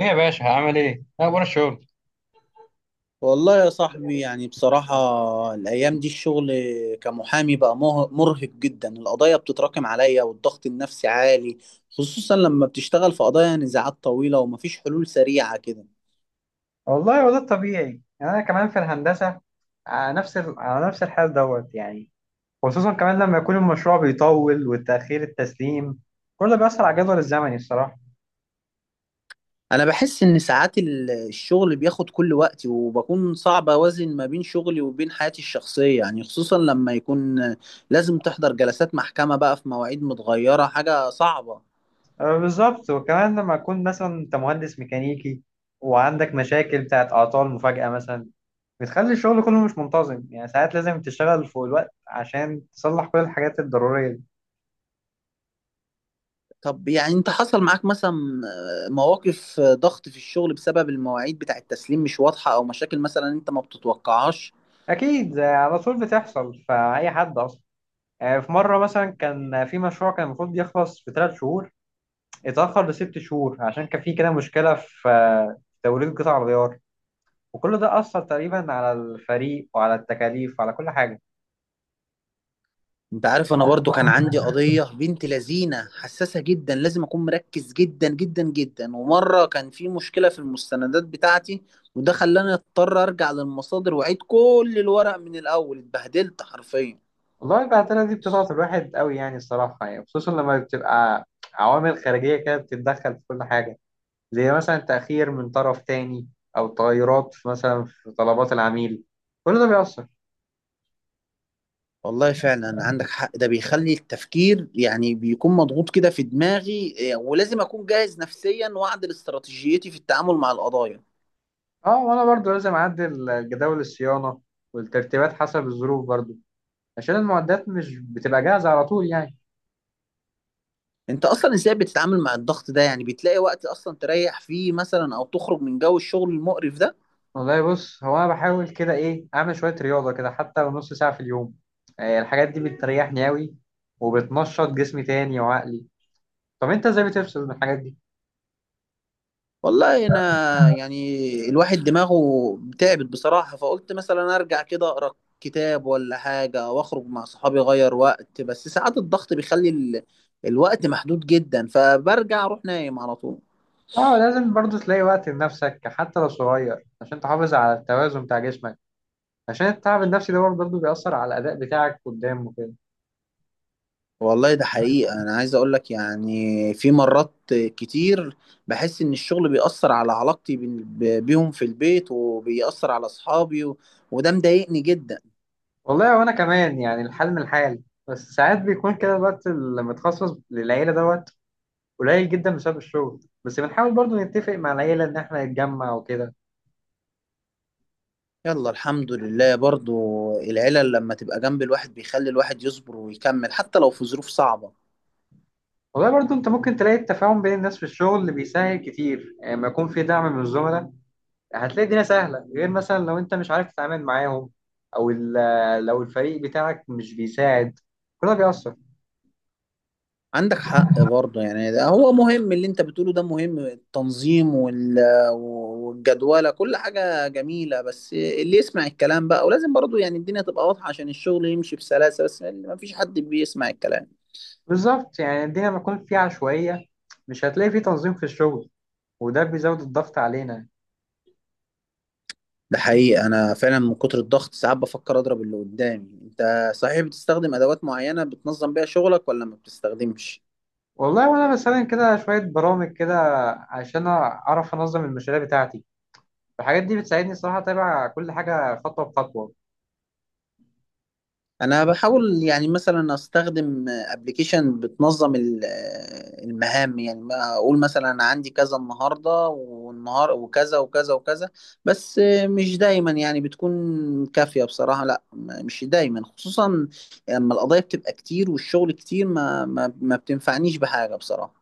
ايه يا باشا عامل ايه؟ إيه اخبار الشغل؟ والله يا صاحبي، يعني بصراحة الأيام دي الشغل كمحامي بقى مرهق جدا. القضايا بتتراكم عليا والضغط النفسي عالي، خصوصا لما بتشتغل في قضايا نزاعات طويلة ومفيش حلول سريعة كده. والله هو ده الطبيعي يعني انا كمان في الهندسه. على نفس الحال دوت يعني. خصوصا كمان لما يكون المشروع بيطول والتاخير التسليم، كل ده بيأثر على الجدول الزمني الصراحه. أنا بحس إن ساعات الشغل بياخد كل وقتي وبكون صعب أوازن ما بين شغلي وبين حياتي الشخصية، يعني خصوصا لما يكون لازم تحضر جلسات محكمة بقى في مواعيد متغيرة، حاجة صعبة. أه بالظبط، وكمان لما يكون مثلا انت مهندس ميكانيكي وعندك مشاكل بتاعت اعطال مفاجاه مثلا، بتخلي الشغل كله مش منتظم يعني. ساعات لازم تشتغل فوق الوقت عشان تصلح كل الحاجات الضروريه دي. طب يعني انت حصل معاك مثلا مواقف ضغط في الشغل بسبب المواعيد بتاع التسليم مش واضحة، او مشاكل مثلا انت ما بتتوقعهاش؟ اكيد على طول بتحصل فاي حد اصلا. في مرة مثلا كان في مشروع كان المفروض يخلص في 3 شهور، اتأخر 6 شهور عشان كان في كده مشكلة في توريد قطع الغيار. وكل ده أثر تقريبا على الفريق وعلى التكاليف وعلى كل حاجة. انت عارف انا برضو كان عندي قضية بنت لذينة حساسة جدا، لازم اكون مركز جدا جدا جدا. ومرة كان في مشكلة في المستندات بتاعتي، وده خلاني اضطر ارجع للمصادر واعيد كل الورق من الاول، اتبهدلت حرفيا. والله البهدلة دي بتضغط الواحد قوي يعني الصراحة يعني، خصوصا لما بتبقى عوامل خارجية كده بتتدخل في كل حاجة، زي مثلا تأخير من طرف تاني، أو تغيرات مثلا في طلبات العميل، كل ده بيأثر. والله فعلا عندك حق، ده بيخلي التفكير يعني بيكون مضغوط كده في دماغي. إيه، ولازم أكون جاهز نفسيا وأعدل استراتيجيتي في التعامل مع القضايا. اه، وأنا برضو لازم أعدل جداول الصيانة والترتيبات حسب الظروف برضو، عشان المعدات مش بتبقى جاهزة على طول يعني. أنت أصلا إزاي بتتعامل مع الضغط ده؟ يعني بتلاقي وقت أصلا تريح فيه مثلا، أو تخرج من جو الشغل المقرف ده؟ والله بص، هو أنا بحاول كده إيه أعمل شوية رياضة كده حتى لو نص ساعة في اليوم. الحاجات دي بتريحني أوي وبتنشط جسمي تاني وعقلي. طب أنت إزاي بتفصل من الحاجات دي؟ والله أنا يعني الواحد دماغه تعبت بصراحة، فقلت مثلا أرجع كده أقرأ كتاب ولا حاجة وأخرج مع صحابي أغير وقت، بس ساعات الضغط بيخلي الوقت محدود جدا فبرجع أروح نايم على طول. أه، لازم برضه تلاقي وقت لنفسك حتى لو صغير عشان تحافظ على التوازن بتاع جسمك، عشان التعب النفسي ده برضه بيأثر على الأداء بتاعك قدام وكده. والله ده حقيقة، أنا عايز أقولك يعني في مرات كتير بحس إن الشغل بيأثر على علاقتي بيهم في البيت، وبيأثر على أصحابي. وده مضايقني جدا. والله وأنا كمان يعني الحال من الحال، بس ساعات بيكون كده الوقت اللي متخصص للعيلة دوت قليل جدا بسبب الشغل، بس بنحاول برضو نتفق مع العيلة إن إحنا نتجمع وكده. يلا الحمد لله برضو، العيلة لما تبقى جنب الواحد بيخلي الواحد يصبر ويكمل حتى لو في ظروف صعبة. والله برضو أنت ممكن تلاقي التفاهم بين الناس في الشغل اللي بيسهل كتير، يعني لما يكون في دعم من الزملاء هتلاقي الدنيا سهلة، غير مثلا لو أنت مش عارف تتعامل معاهم، أو لو الفريق بتاعك مش بيساعد، كل ده بيأثر. عندك حق برضه، يعني ده هو مهم، اللي انت بتقوله ده مهم، التنظيم والجدولة، كل حاجة جميلة. بس اللي يسمع الكلام بقى، ولازم برضه يعني الدنيا تبقى واضحة عشان الشغل يمشي بسلاسة، بس ما فيش حد بيسمع الكلام. بالظبط، يعني الدنيا لما تكون فيها عشوائية مش هتلاقي فيه تنظيم في الشغل، وده بيزود الضغط علينا. ده حقيقي، انا فعلا من كتر الضغط ساعات بفكر اضرب اللي قدامي. انت صحيح بتستخدم ادوات معينة بتنظم بيها شغلك ولا ما بتستخدمش؟ والله وأنا بستخدم كده شوية برامج كده عشان أعرف أنظم المشاريع بتاعتي. الحاجات دي بتساعدني الصراحه اتابع كل حاجه خطوه بخطوه. انا بحاول يعني مثلا استخدم ابلكيشن بتنظم المهام، يعني ما اقول مثلا أنا عندي كذا النهارده والنهار وكذا وكذا وكذا. بس مش دايما يعني بتكون كافية بصراحة، لا مش دايما، خصوصا لما القضايا بتبقى كتير والشغل كتير ما بتنفعنيش بحاجة بصراحة.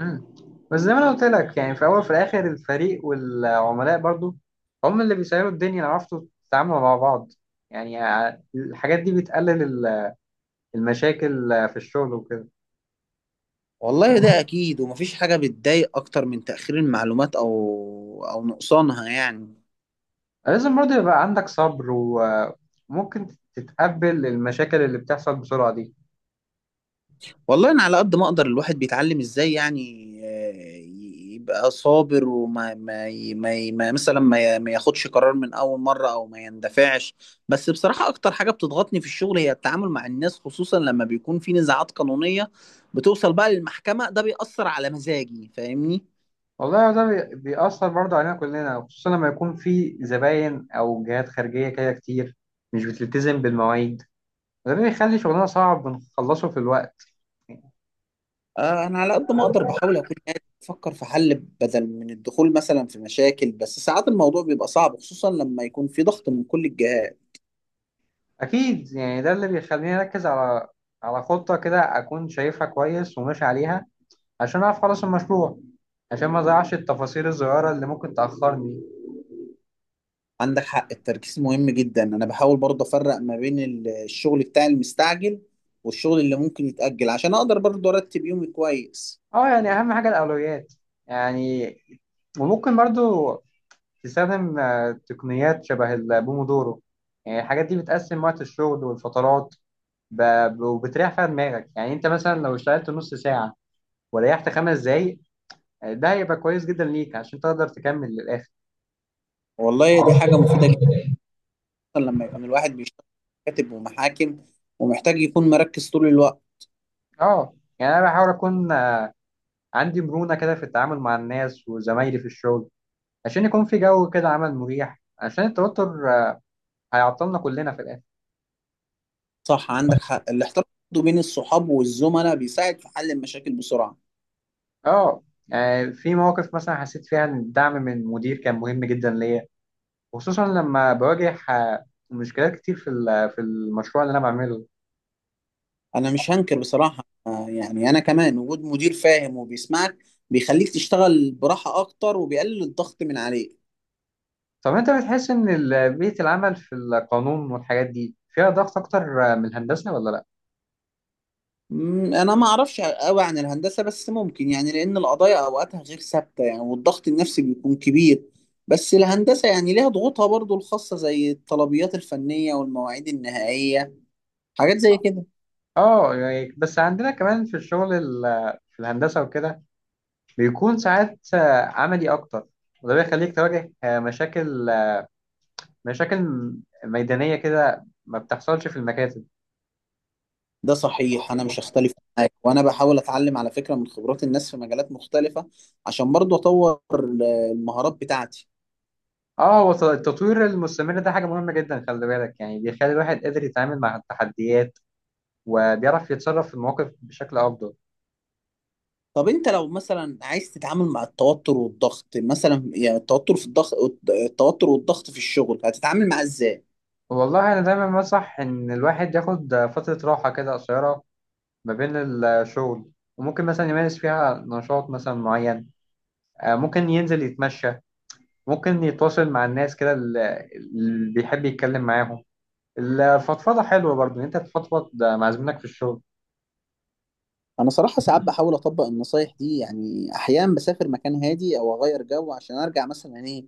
امم بس زي ما انا قلت لك يعني في الاول وفي الاخر الفريق والعملاء برضو هم اللي بيسيروا الدنيا لو عرفتوا تتعاملوا مع بعض، يعني الحاجات دي بتقلل المشاكل في الشغل وكده. والله ده أكيد، ومفيش حاجة بتضايق أكتر من تأخير المعلومات أو نقصانها يعني. لازم برضو يبقى عندك صبر وممكن تتقبل المشاكل اللي بتحصل بسرعة دي. والله انا على قد ما اقدر الواحد بيتعلم ازاي، يعني يبقى صابر، وما ما ي- ما ي- ما مثلا ما ياخدش قرار من اول مره او ما يندفعش. بس بصراحه اكتر حاجه بتضغطني في الشغل هي التعامل مع الناس، خصوصا لما بيكون في نزاعات قانونيه بتوصل بقى للمحكمه، ده بيأثر على مزاجي فاهمني. والله ده بيأثر برضو علينا كلنا، خصوصا لما يكون في زباين أو جهات خارجية كده كتير مش بتلتزم بالمواعيد، ده اللي بيخلي شغلنا صعب بنخلصه في الوقت. انا على قد ما اقدر بحاول اكون قاعد بفكر في حل بدل من الدخول مثلا في مشاكل، بس ساعات الموضوع بيبقى صعب خصوصا لما يكون في ضغط من كل الجهات. أكيد، يعني ده اللي بيخليني أركز على خطة كده أكون شايفها كويس وماشي عليها عشان أعرف أخلص المشروع، عشان ما أضيعش التفاصيل الصغيرة اللي ممكن تأخرني. عندك حق، التركيز مهم جدا. انا بحاول برضه افرق ما بين الشغل بتاع المستعجل والشغل اللي ممكن يتأجل، عشان اقدر برضه ارتب يومي كويس. أه، يعني أهم حاجة الأولويات يعني، وممكن برضو تستخدم تقنيات شبه البومودورو، يعني الحاجات دي بتقسم وقت الشغل والفترات، وبتريح فيها دماغك. يعني أنت مثلا لو اشتغلت نص ساعة وريحت 5 دقايق، ده هيبقى كويس جدا ليك عشان تقدر تكمل للآخر. والله دي حاجة مفيدة جدا لما يكون الواحد بيشتغل كاتب ومحاكم ومحتاج يكون مركز طول الوقت. اه، يعني أنا بحاول أكون عندي مرونة كده في التعامل مع الناس وزمايلي في الشغل، عشان يكون في جو كده عمل مريح، عشان التوتر هيعطلنا كلنا في الآخر. صح، عندك حق، الاحتراف برضه بين الصحاب والزملاء بيساعد في حل المشاكل بسرعة. اه. في مواقف مثلا حسيت فيها ان الدعم من المدير كان مهم جدا ليا، خصوصا لما بواجه مشكلات كتير في المشروع اللي انا بعمله. انا مش هنكر بصراحة، يعني انا كمان وجود مدير فاهم وبيسمعك بيخليك تشتغل براحة اكتر وبيقلل الضغط من عليك. طب انت بتحس ان بيئة العمل في القانون والحاجات دي فيها ضغط اكتر من الهندسة ولا لا؟ انا ما اعرفش قوي عن الهندسه، بس ممكن يعني لان القضايا اوقاتها غير ثابته يعني، والضغط النفسي بيكون كبير. بس الهندسه يعني ليها ضغوطها برضو الخاصه، زي الطلبيات الفنيه والمواعيد النهائيه، حاجات زي كده. اه، يعني بس عندنا كمان في الشغل في الهندسة وكده بيكون ساعات عملي أكتر، وده بيخليك تواجه مشاكل ميدانية كده ما بتحصلش في المكاتب. ده صحيح انا مش هختلف معاك، وانا بحاول اتعلم على فكره من خبرات الناس في مجالات مختلفه عشان برضو اطور المهارات بتاعتي. اه، هو التطوير المستمر ده حاجة مهمة جدا خلي بالك، يعني بيخلي الواحد قادر يتعامل مع التحديات وبيعرف يتصرف في المواقف بشكل أفضل. طب انت لو مثلا عايز تتعامل مع التوتر والضغط، مثلا يعني التوتر في الضغط، التوتر والضغط في الشغل، هتتعامل معاه ازاي؟ والله أنا دايما بنصح إن الواحد ياخد فترة راحة كده قصيرة ما بين الشغل، وممكن مثلا يمارس فيها نشاط مثلا معين. ممكن ينزل يتمشى، ممكن يتواصل مع الناس كده اللي بيحب يتكلم معاهم. الفضفضة حلوة برضو إن انت تفضفض مع زميلك في الشغل. انا صراحه ساعات بحاول اطبق النصايح دي، يعني احيانا بسافر مكان هادي او اغير جو عشان ارجع مثلا ايه،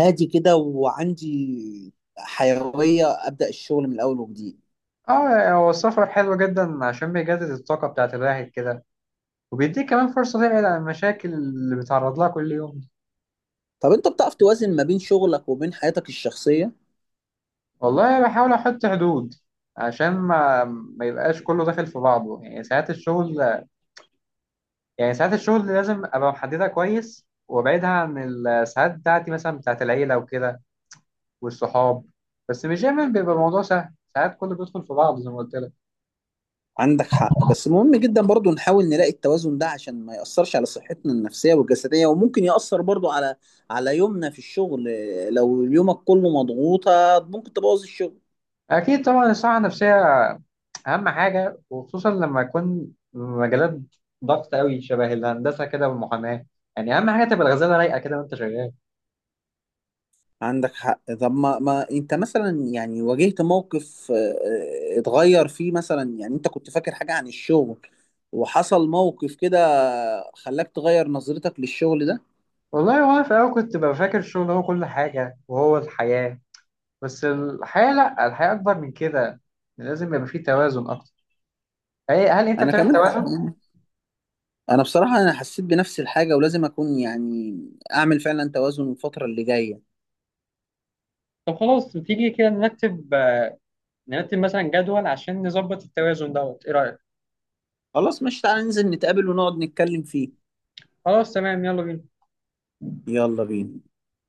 هادي كده وعندي حيويه ابدا الشغل من الاول وجديد. اه، هو السفر حلو جدا عشان بيجدد الطاقة بتاعت الواحد كده وبيديك كمان فرصة تبعد عن المشاكل اللي بيتعرض لها كل يوم. طب انت بتعرف توازن ما بين شغلك وبين حياتك الشخصيه؟ والله بحاول أحط حدود عشان ما يبقاش كله داخل في بعضه. يعني ساعات الشغل لازم أبقى محددها كويس وأبعدها عن الساعات بتاعتي مثلا بتاعت العيلة وكده والصحاب، بس مش دايما بيبقى الموضوع سهل ساعات كله بيدخل في بعض زي ما قلت لك. عندك حق، بس مهم جدا برضو نحاول نلاقي التوازن ده عشان ما يأثرش على صحتنا النفسيه والجسديه، وممكن يأثر برضو على يومنا في الشغل. لو يومك كله مضغوطه ممكن تبوظ الشغل. اكيد طبعا، الصحه النفسيه اهم حاجه، وخصوصا لما يكون مجالات ضغط قوي شبه الهندسه كده والمحاماه، يعني اهم حاجه تبقى الغزاله رايقه كده وانت شغال. عندك حق. طب ما انت مثلا يعني واجهت موقف، اتغير فيه مثلا، يعني انت كنت فاكر حاجة عن الشغل وحصل موقف كده خلاك تغير نظرتك للشغل ده؟ والله وانا في الاول كنت ببقى فاكر الشغل هو كل حاجه وهو الحياه، بس الحياه لا، الحياه اكبر من كده، لازم يبقى فيه توازن اكتر. هل انت انا بتعمل كمان توازن؟ يعني انا بصراحة انا حسيت بنفس الحاجة، ولازم اكون يعني اعمل فعلا توازن الفترة اللي جاية. طب خلاص تيجي كده نرتب مثلا جدول عشان نظبط التوازن دوت، ايه رأيك؟ خلاص، مش تعالى ننزل نتقابل ونقعد نتكلم فيه. خلاص تمام يلا بينا. يلا بينا.